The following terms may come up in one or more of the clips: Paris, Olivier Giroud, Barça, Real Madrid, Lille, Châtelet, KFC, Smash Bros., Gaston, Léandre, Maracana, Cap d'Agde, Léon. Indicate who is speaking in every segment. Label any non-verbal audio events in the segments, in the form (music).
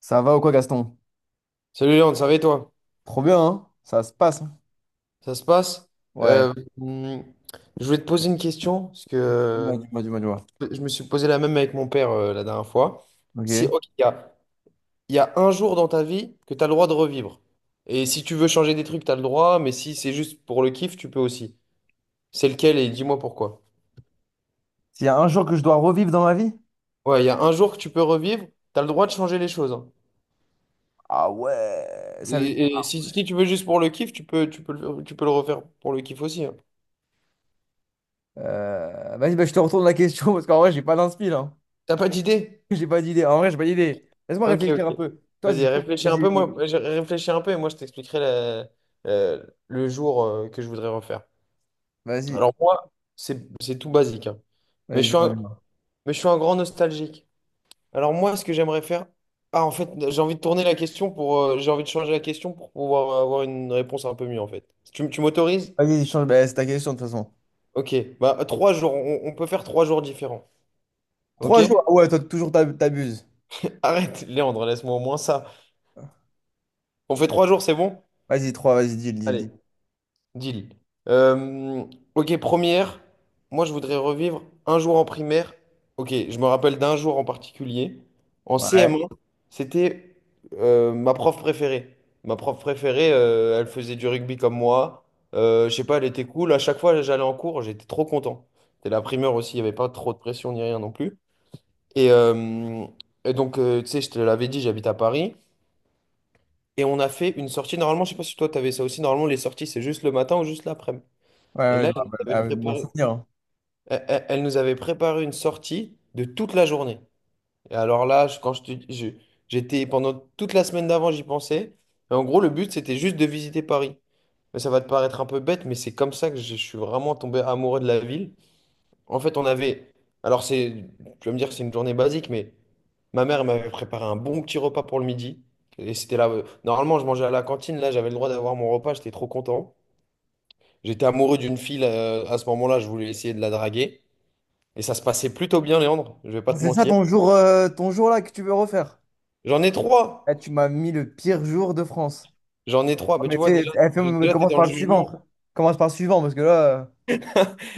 Speaker 1: Ça va ou quoi, Gaston?
Speaker 2: Salut Léon, ça va et toi?
Speaker 1: Trop bien, hein? Ça se passe, hein.
Speaker 2: Ça se passe? Ouais.
Speaker 1: Ouais.
Speaker 2: Hum, je voulais te poser une question, parce que
Speaker 1: Dis-moi, dis-moi, dis-moi, dis-moi.
Speaker 2: je me suis posé la même avec mon père la dernière fois. Si,
Speaker 1: Ok.
Speaker 2: ok, il y a un jour dans ta vie que tu as le droit de revivre. Et si tu veux changer des trucs, tu as le droit, mais si c'est juste pour le kiff, tu peux aussi. C'est lequel et dis-moi pourquoi.
Speaker 1: S'il y a un jour que je dois revivre dans ma vie?
Speaker 2: Ouais, il y a un jour que tu peux revivre, tu as le droit de changer les choses, hein.
Speaker 1: Ah ouais, ça veut dire.
Speaker 2: Et si, si tu veux juste pour le kiff, tu peux, tu peux le refaire pour le kiff aussi, hein.
Speaker 1: Vas-y, bah, je te retourne la question parce qu'en vrai, j'ai pas d'inspi là.
Speaker 2: T'as pas d'idée?
Speaker 1: (laughs) J'ai pas d'idée. En vrai, j'ai pas d'idée. Laisse-moi
Speaker 2: Ok,
Speaker 1: réfléchir un
Speaker 2: ok.
Speaker 1: peu. Toi, je.
Speaker 2: Vas-y, réfléchis un peu, moi,
Speaker 1: Vas-y,
Speaker 2: moi, je réfléchis un peu et moi je t'expliquerai la- le jour que je voudrais refaire.
Speaker 1: vas-y.
Speaker 2: Alors moi, c'est tout basique, hein. Mais
Speaker 1: Vas-y,
Speaker 2: je suis
Speaker 1: dis-moi,
Speaker 2: un,
Speaker 1: dis-moi.
Speaker 2: mais je suis un grand nostalgique. Alors moi, ce que j'aimerais faire, ah en fait, j'ai envie de tourner la question pour, j'ai envie de changer la question pour pouvoir avoir une réponse un peu mieux en fait. Tu m'autorises?
Speaker 1: Vas-y, change. Bah, c'est ta question de toute façon.
Speaker 2: Ok, bah trois jours, on peut faire trois jours différents. Ok?
Speaker 1: Trois jours. Ah ouais, toi, toujours t'abuses.
Speaker 2: Arrête, Léandre, laisse-moi au moins ça. On fait trois jours, c'est bon?
Speaker 1: Vas-y, trois, vas-y, dis-le, dis-le,
Speaker 2: Allez.
Speaker 1: dis.
Speaker 2: Deal. Euh, ok, première, moi je voudrais revivre un jour en primaire. Ok, je me rappelle d'un jour en particulier. En
Speaker 1: Ouais.
Speaker 2: CM1, c'était ma prof préférée. Ma prof préférée, elle faisait du rugby comme moi. Je sais pas, elle était cool. À chaque fois, j'allais en cours, j'étais trop content. C'était la primaire aussi, il n'y avait pas trop de pression ni rien non plus. Et, euh, et donc, tu sais, je te l'avais dit, j'habite à Paris. Et on a fait une sortie. Normalement, je sais pas si toi, tu avais ça aussi. Normalement, les sorties, c'est juste le matin ou juste l'après-midi.
Speaker 1: Ouais,
Speaker 2: Et
Speaker 1: ouais, je
Speaker 2: là,
Speaker 1: me rappelle. Ah, bon souvenir, hein.
Speaker 2: elle nous avait préparé une sortie de toute la journée. Et alors là, je- quand je te- je- j'étais pendant toute la semaine d'avant, j'y pensais. Et en gros, le but, c'était juste de visiter Paris. Mais ça va te paraître un peu bête, mais c'est comme ça que je suis vraiment tombé amoureux de la ville. En fait, on avait, alors c'est, tu vas me dire que c'est une journée basique, mais ma mère elle m'avait préparé un bon petit repas pour le midi. Et c'était là, normalement, je mangeais à la cantine. Là, j'avais le droit d'avoir mon repas. J'étais trop content. J'étais amoureux d'une fille à ce moment-là. Je voulais essayer de la draguer. Et ça se passait plutôt bien, Léandre, je vais pas
Speaker 1: Ah,
Speaker 2: te
Speaker 1: c'est ça
Speaker 2: mentir.
Speaker 1: ton jour là que tu veux refaire?
Speaker 2: J'en ai trois.
Speaker 1: Eh, tu m'as mis le pire jour de France.
Speaker 2: J'en ai trois.
Speaker 1: Ah,
Speaker 2: Mais tu
Speaker 1: mais
Speaker 2: vois,
Speaker 1: fais,
Speaker 2: déjà,
Speaker 1: eh, mais
Speaker 2: déjà tu es
Speaker 1: commence
Speaker 2: dans le
Speaker 1: par le suivant,
Speaker 2: jugement.
Speaker 1: frère. Commence par le suivant parce que là,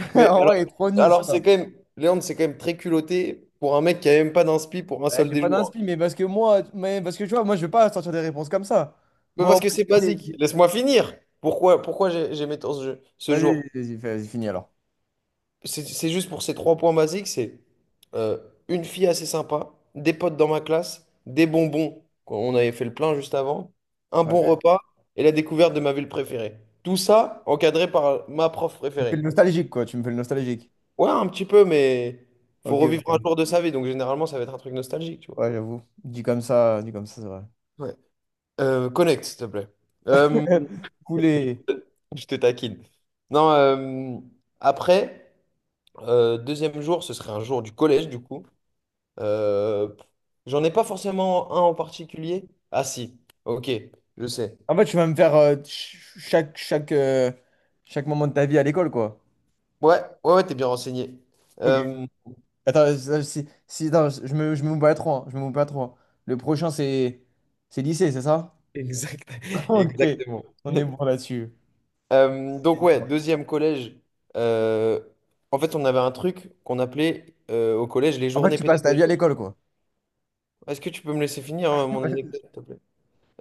Speaker 2: Mais
Speaker 1: (laughs) en
Speaker 2: alors,
Speaker 1: vrai, il est trop nul, je
Speaker 2: alors c'est quand même, Léandre, c'est quand même très culotté pour un mec qui a même pas d'inspi pour un seul
Speaker 1: j'ai
Speaker 2: des
Speaker 1: pas
Speaker 2: jours.
Speaker 1: d'inspi, mais parce que moi, mais parce que tu vois, moi, je vais pas sortir des réponses comme ça.
Speaker 2: Mais
Speaker 1: Moi, au
Speaker 2: parce
Speaker 1: moins,
Speaker 2: que c'est
Speaker 1: j'ai-
Speaker 2: basique.
Speaker 1: j'ai-
Speaker 2: Laisse-moi finir. Pourquoi j'aimais tant ce jeu, ce
Speaker 1: vas-y,
Speaker 2: jour?
Speaker 1: vas-y, vas finis alors.
Speaker 2: C'est juste pour ces trois points basiques, c'est euh, une fille assez sympa, des potes dans ma classe, des bonbons, quoi, on avait fait le plein juste avant, un bon
Speaker 1: Ouais.
Speaker 2: repas et la découverte de ma ville préférée. Tout ça encadré par ma prof
Speaker 1: Tu me fais le
Speaker 2: préférée.
Speaker 1: nostalgique, quoi. Tu me fais le nostalgique.
Speaker 2: Ouais, un petit peu, mais faut
Speaker 1: Ok,
Speaker 2: revivre un
Speaker 1: ok.
Speaker 2: jour de sa vie, donc généralement ça va être un truc nostalgique, tu vois.
Speaker 1: Ouais, j'avoue. Dit comme ça, c'est vrai.
Speaker 2: Ouais. Connect, s'il te plaît. Euh,
Speaker 1: (laughs) Couler.
Speaker 2: (laughs) je te taquine. Non, après, deuxième jour, ce serait un jour du collège, du coup. Euh, j'en ai pas forcément un en particulier. Ah si, ok, je sais.
Speaker 1: En fait, tu vas me faire chaque, chaque, chaque moment de ta vie à l'école, quoi.
Speaker 2: Ouais, ouais, ouais, t'es bien renseigné.
Speaker 1: Ok.
Speaker 2: Euh,
Speaker 1: Attends, si, non, je me mouille pas trop, hein, je me mouille pas trop, hein. Le prochain, c'est lycée, c'est ça?
Speaker 2: exact,
Speaker 1: (laughs)
Speaker 2: (laughs)
Speaker 1: Ok,
Speaker 2: exactement.
Speaker 1: on est
Speaker 2: (laughs)
Speaker 1: bon là-dessus.
Speaker 2: Donc ouais, deuxième collège. euh, En fait, on avait un truc qu'on appelait au collège les
Speaker 1: En fait,
Speaker 2: journées
Speaker 1: tu passes ta vie à
Speaker 2: pédagogiques.
Speaker 1: l'école, quoi.
Speaker 2: Est-ce que tu peux me laisser finir mon
Speaker 1: (laughs)
Speaker 2: anecdote, s'il te plaît?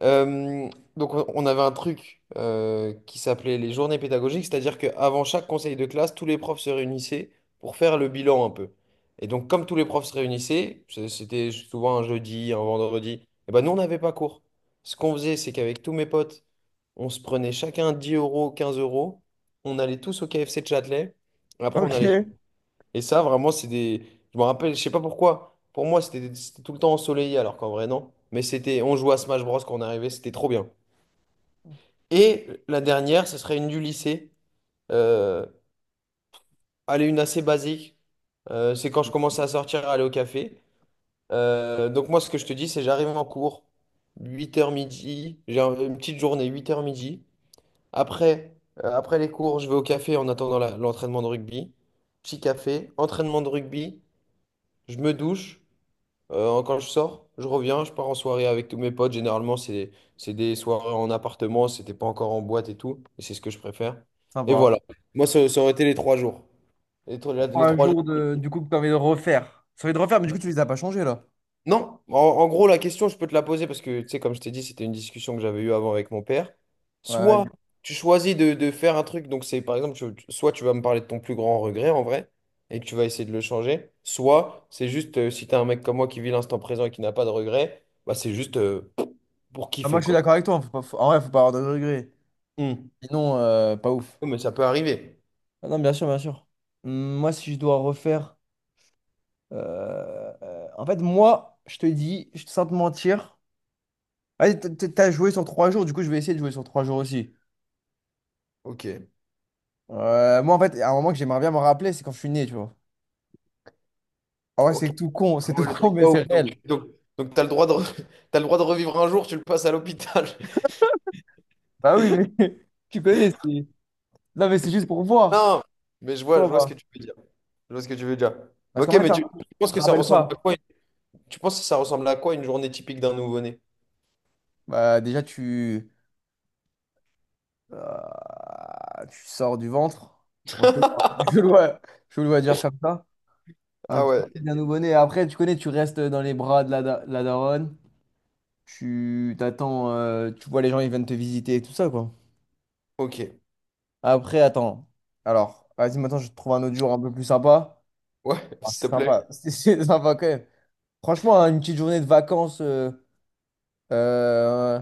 Speaker 2: Euh, donc on avait un truc qui s'appelait les journées pédagogiques, c'est-à-dire qu'avant chaque conseil de classe, tous les profs se réunissaient pour faire le bilan un peu. Et donc comme tous les profs se réunissaient, c'était souvent un jeudi, un vendredi, et ben nous on n'avait pas cours. Ce qu'on faisait, c'est qu'avec tous mes potes, on se prenait chacun 10 euros, 15 euros, on allait tous au KFC de Châtelet, après on
Speaker 1: Ok,
Speaker 2: allait et ça, vraiment, c'est des. Je me rappelle, je sais pas pourquoi. Pour moi, c'était tout le temps ensoleillé, alors qu'en vrai, non. Mais c'était. On jouait à Smash Bros. Quand on arrivait, c'était trop bien. Et la dernière, ce serait une du lycée. Euh, elle est une assez basique. C'est quand je commençais à sortir, à aller au café. Donc, moi, ce que je te dis, c'est j'arrive en cours, huit heures midi. Une petite journée, huit heures midi. Après, après les cours, je vais au café en attendant l'entraînement de rugby. Petit café, entraînement de rugby. Je me douche. Quand je sors, je reviens, je pars en soirée avec tous mes potes. Généralement, c'est des soirées en appartement, c'était pas encore en boîte et tout. Et c'est ce que je préfère. Et
Speaker 1: sympa.
Speaker 2: voilà. Moi, ça aurait été les trois jours. Les, trois les
Speaker 1: Trois
Speaker 2: trois
Speaker 1: jours de, du coup, que t'as envie de refaire. Ça envie de refaire, mais du coup, tu les as pas changés, là.
Speaker 2: non, en, en gros, la question, je peux te la poser parce que, tu sais, comme je t'ai dit, c'était une discussion que j'avais eue avant avec mon père.
Speaker 1: Ouais,
Speaker 2: Soit
Speaker 1: du-
Speaker 2: tu choisis de faire un truc, donc c'est par exemple, soit tu vas me parler de ton plus grand regret en vrai et que tu vas essayer de le changer, soit c'est juste, si t'es un mec comme moi qui vit l'instant présent et qui n'a pas de regrets, bah c'est juste pour
Speaker 1: Ah, moi,
Speaker 2: kiffer
Speaker 1: je suis
Speaker 2: quoi.
Speaker 1: d'accord avec toi, hein. Faut pas, en vrai, faut pas avoir de regrets.
Speaker 2: Hmm.
Speaker 1: Sinon, pas ouf.
Speaker 2: Ouais, mais ça peut arriver.
Speaker 1: Ah non, bien sûr, bien sûr. Moi, si je dois refaire. En fait, moi, je te dis, je- sans te mentir. Ouais, t'as joué sur trois jours, du coup je vais essayer de jouer sur trois jours aussi.
Speaker 2: Ok.
Speaker 1: Moi en fait, à un moment que j'aimerais bien me rappeler, c'est quand je suis né, tu vois. Ah ouais,
Speaker 2: Ok.
Speaker 1: c'est tout con, c'est
Speaker 2: Ah
Speaker 1: tout
Speaker 2: ouais, le
Speaker 1: (laughs) con,
Speaker 2: truc
Speaker 1: mais
Speaker 2: pas ouf.
Speaker 1: c'est
Speaker 2: Donc,
Speaker 1: réel.
Speaker 2: donc, donc t'as le droit de, (laughs) t'as le droit de revivre un jour, tu le passes à l'hôpital. (laughs)
Speaker 1: Bah oui, mais (laughs) tu connais, c'est... Non mais c'est juste pour voir.
Speaker 2: Non, mais
Speaker 1: Tu vois,
Speaker 2: je vois ce que
Speaker 1: bah.
Speaker 2: tu veux dire. Je vois ce que tu veux dire.
Speaker 1: Parce
Speaker 2: Ok,
Speaker 1: qu'en fait,
Speaker 2: mais
Speaker 1: ça,
Speaker 2: tu
Speaker 1: tu
Speaker 2: penses
Speaker 1: te
Speaker 2: que ça
Speaker 1: rappelles
Speaker 2: ressemble à
Speaker 1: pas.
Speaker 2: quoi? Tu penses que ça ressemble à quoi une journée typique d'un nouveau-né?
Speaker 1: Bah déjà, tu... tu sors du ventre. Moi, je, (laughs) je
Speaker 2: (laughs)
Speaker 1: le vois, je le vois dire comme ça. Un
Speaker 2: Ah
Speaker 1: petit
Speaker 2: ouais,
Speaker 1: fils d'un nouveau-né. Après, tu connais, tu restes dans les bras de la daronne. Tu t'attends, tu vois les gens, ils viennent te visiter et tout ça, quoi.
Speaker 2: ok.
Speaker 1: Après, attends. Alors, vas-y, maintenant, je te trouve un autre jour un peu plus sympa.
Speaker 2: Ouais,
Speaker 1: Ah,
Speaker 2: s'il
Speaker 1: c'est
Speaker 2: te
Speaker 1: sympa. (laughs)
Speaker 2: plaît.
Speaker 1: C'est sympa quand même. Franchement, hein, une petite journée de vacances. Euh,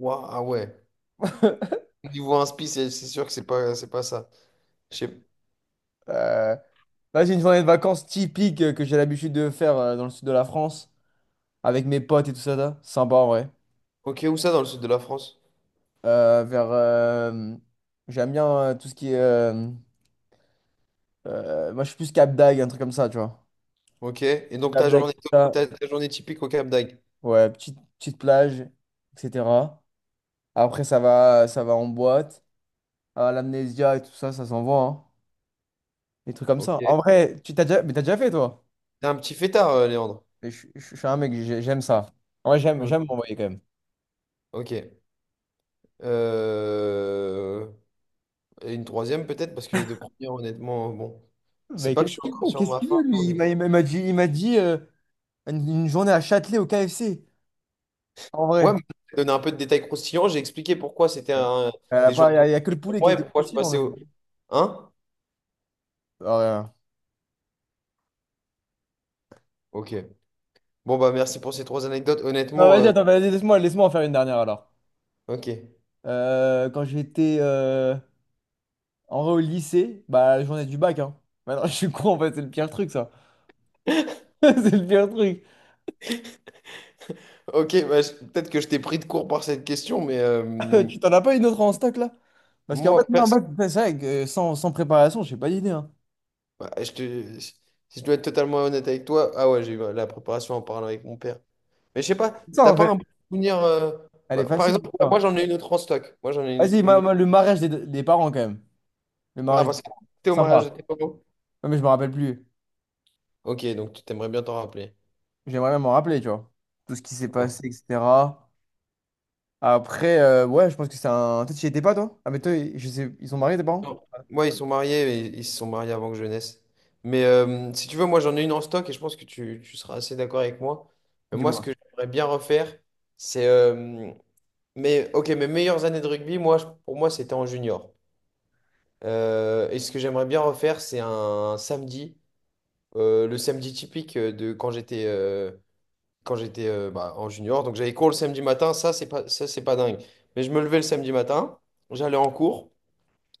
Speaker 2: Ouah, ah ouais.
Speaker 1: (laughs)
Speaker 2: Niveau inspi, c'est sûr que c'est pas ça. Je sais-
Speaker 1: euh, vas-y, une journée de vacances typique que j'ai l'habitude de faire dans le sud de la France avec mes potes et tout ça, là. Sympa en vrai.
Speaker 2: ok, où ça dans le sud de la France?
Speaker 1: Euh, vers, euh, J'aime bien tout ce qui est. Moi, je suis plus Cap d'Agde, un truc comme ça, tu vois.
Speaker 2: Ok. Et donc
Speaker 1: Cap
Speaker 2: ta
Speaker 1: d'Agde,
Speaker 2: journée,
Speaker 1: tout ça.
Speaker 2: ta journée typique au Cap d'Agde.
Speaker 1: Ouais, petite, petite plage, etc. Après, ça va en boîte. Ah, l'amnésia et tout ça, ça s'envoie, hein. Des trucs comme
Speaker 2: Ok.
Speaker 1: ça.
Speaker 2: T'es
Speaker 1: En vrai, tu t'as déjà... Mais t'as déjà fait, toi?
Speaker 2: un petit fêtard, Léandre.
Speaker 1: Mais je suis un mec, j'aime ça. En vrai j'aime,
Speaker 2: Ok,
Speaker 1: j'aime m'envoyer quand même.
Speaker 2: ok. Euh, et une troisième peut-être, parce que les deux premières, honnêtement, bon. C'est
Speaker 1: Mais
Speaker 2: pas que je
Speaker 1: qu'est-ce
Speaker 2: suis
Speaker 1: qu'il
Speaker 2: encore
Speaker 1: veut?
Speaker 2: sur
Speaker 1: Qu'est-ce
Speaker 2: ma
Speaker 1: qu'il veut,
Speaker 2: faim,
Speaker 1: lui? Il m'a
Speaker 2: mais.
Speaker 1: il m'a- il m'a dit une journée à Châtelet au KFC. En
Speaker 2: Ouais, mais
Speaker 1: vrai.
Speaker 2: j'ai donné un peu de détails croustillants, j'ai expliqué pourquoi c'était
Speaker 1: Il
Speaker 2: un-
Speaker 1: n'y a,
Speaker 2: des journées
Speaker 1: y a que le
Speaker 2: pour
Speaker 1: poulet qui
Speaker 2: moi et
Speaker 1: est
Speaker 2: pourquoi je
Speaker 1: aussi non,
Speaker 2: passais
Speaker 1: mais...
Speaker 2: au... Hein?
Speaker 1: Ah, rien.
Speaker 2: Ok. Bon, bah merci pour ces trois anecdotes.
Speaker 1: Non,
Speaker 2: Honnêtement,
Speaker 1: vas-y, attends, vas-y, laisse-moi, laisse-moi en faire une dernière alors.
Speaker 2: ok.
Speaker 1: Quand j'étais en vrai au lycée, bah la journée du bac, hein. Maintenant, (laughs) je suis con, en fait, c'est le pire truc, ça. (laughs) C'est le pire truc.
Speaker 2: Ok, bah, peut-être que je t'ai pris de court par cette question, mais
Speaker 1: (laughs) Tu t'en as pas une autre en stock là? Parce qu'en fait,
Speaker 2: moi,
Speaker 1: non, en
Speaker 2: perso-
Speaker 1: fait c'est vrai que sans, sans préparation, j'ai pas d'idée, hein.
Speaker 2: bah, je te... si je dois être totalement honnête avec toi, ah ouais, j'ai eu la préparation en parlant avec mon père. Mais je sais pas,
Speaker 1: C'est ça,
Speaker 2: t'as
Speaker 1: en
Speaker 2: pas
Speaker 1: fait,
Speaker 2: un bon souvenir...
Speaker 1: elle est
Speaker 2: bah, par
Speaker 1: facile,
Speaker 2: exemple, bah, moi
Speaker 1: l'histoire.
Speaker 2: j'en ai une autre en stock. Moi j'en ai
Speaker 1: Vas-y,
Speaker 2: une autre-
Speaker 1: le mariage des parents, quand même. Le
Speaker 2: ah,
Speaker 1: mariage des
Speaker 2: parce que
Speaker 1: parents.
Speaker 2: t'étais au
Speaker 1: Sympa.
Speaker 2: mariage de tes parents?
Speaker 1: Ouais, mais je me rappelle plus.
Speaker 2: Ok, donc tu t'aimerais bien t'en rappeler.
Speaker 1: J'aimerais même m'en rappeler, tu vois. Tout ce qui s'est passé, etc. Après, ouais, je pense que c'est un. Toi, tu y étais pas, toi? Ah, mais toi, je sais, ils sont mariés, tes parents?
Speaker 2: Non. Ouais, ils sont mariés, mais ils se sont mariés avant que je naisse. Mais si tu veux, moi j'en ai une en stock et je pense que tu seras assez d'accord avec moi. Mais moi, ce
Speaker 1: Dis-moi.
Speaker 2: que j'aimerais bien refaire, c'est... mais ok, mes meilleures années de rugby, moi, pour moi, c'était en junior. Et ce que j'aimerais bien refaire, c'est un samedi, le samedi typique de quand j'étais bah, en junior. Donc j'avais cours le samedi matin, ça c'est pas dingue. Mais je me levais le samedi matin, j'allais en cours.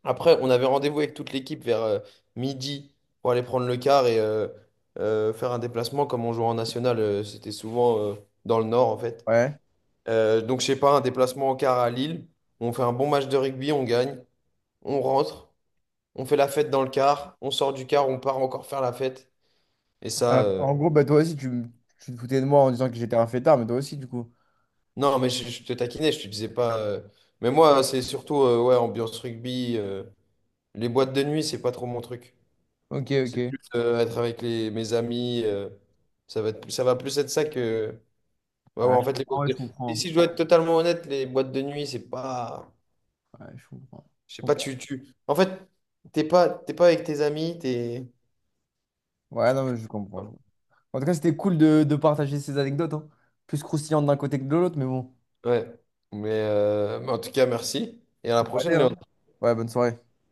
Speaker 2: Après, on avait rendez-vous avec toute l'équipe vers midi pour aller prendre le car et faire un déplacement. Comme on jouait en national, c'était souvent dans le nord en fait.
Speaker 1: Ouais.
Speaker 2: Donc, je sais pas, un déplacement en car à Lille. On fait un bon match de rugby, on gagne, on rentre, on fait la fête dans le car, on sort du car, on part encore faire la fête. Et ça,
Speaker 1: Ah,
Speaker 2: euh,
Speaker 1: en gros, bah, toi aussi, tu te foutais de moi en disant que j'étais un fêtard, mais toi aussi, du coup.
Speaker 2: non, mais je te taquinais, je te disais pas, mais moi, c'est surtout ouais, ambiance rugby, les boîtes de nuit, c'est pas trop mon truc.
Speaker 1: Ok,
Speaker 2: C'est
Speaker 1: ok.
Speaker 2: plus être avec mes amis, ça va être, ça va plus être ça que. Ouais, ouais,
Speaker 1: Ah,
Speaker 2: en
Speaker 1: je
Speaker 2: fait, les
Speaker 1: comprends,
Speaker 2: boîtes
Speaker 1: ouais, je
Speaker 2: de- et
Speaker 1: comprends.
Speaker 2: si je dois être totalement honnête, les boîtes de nuit, c'est pas.
Speaker 1: Ouais, je comprends.
Speaker 2: Je sais
Speaker 1: Je
Speaker 2: pas,
Speaker 1: comprends.
Speaker 2: tu, tu. En fait, t'es pas avec tes amis, t'es.
Speaker 1: Ouais, non, mais je comprends, je comprends. En tout cas, c'était cool de partager ces anecdotes, hein. Plus croustillantes d'un côté que de l'autre, mais bon.
Speaker 2: Ouais. Mais en tout cas, merci. Et à la
Speaker 1: Allez,
Speaker 2: prochaine, Léon.
Speaker 1: hein. Ouais, bonne soirée.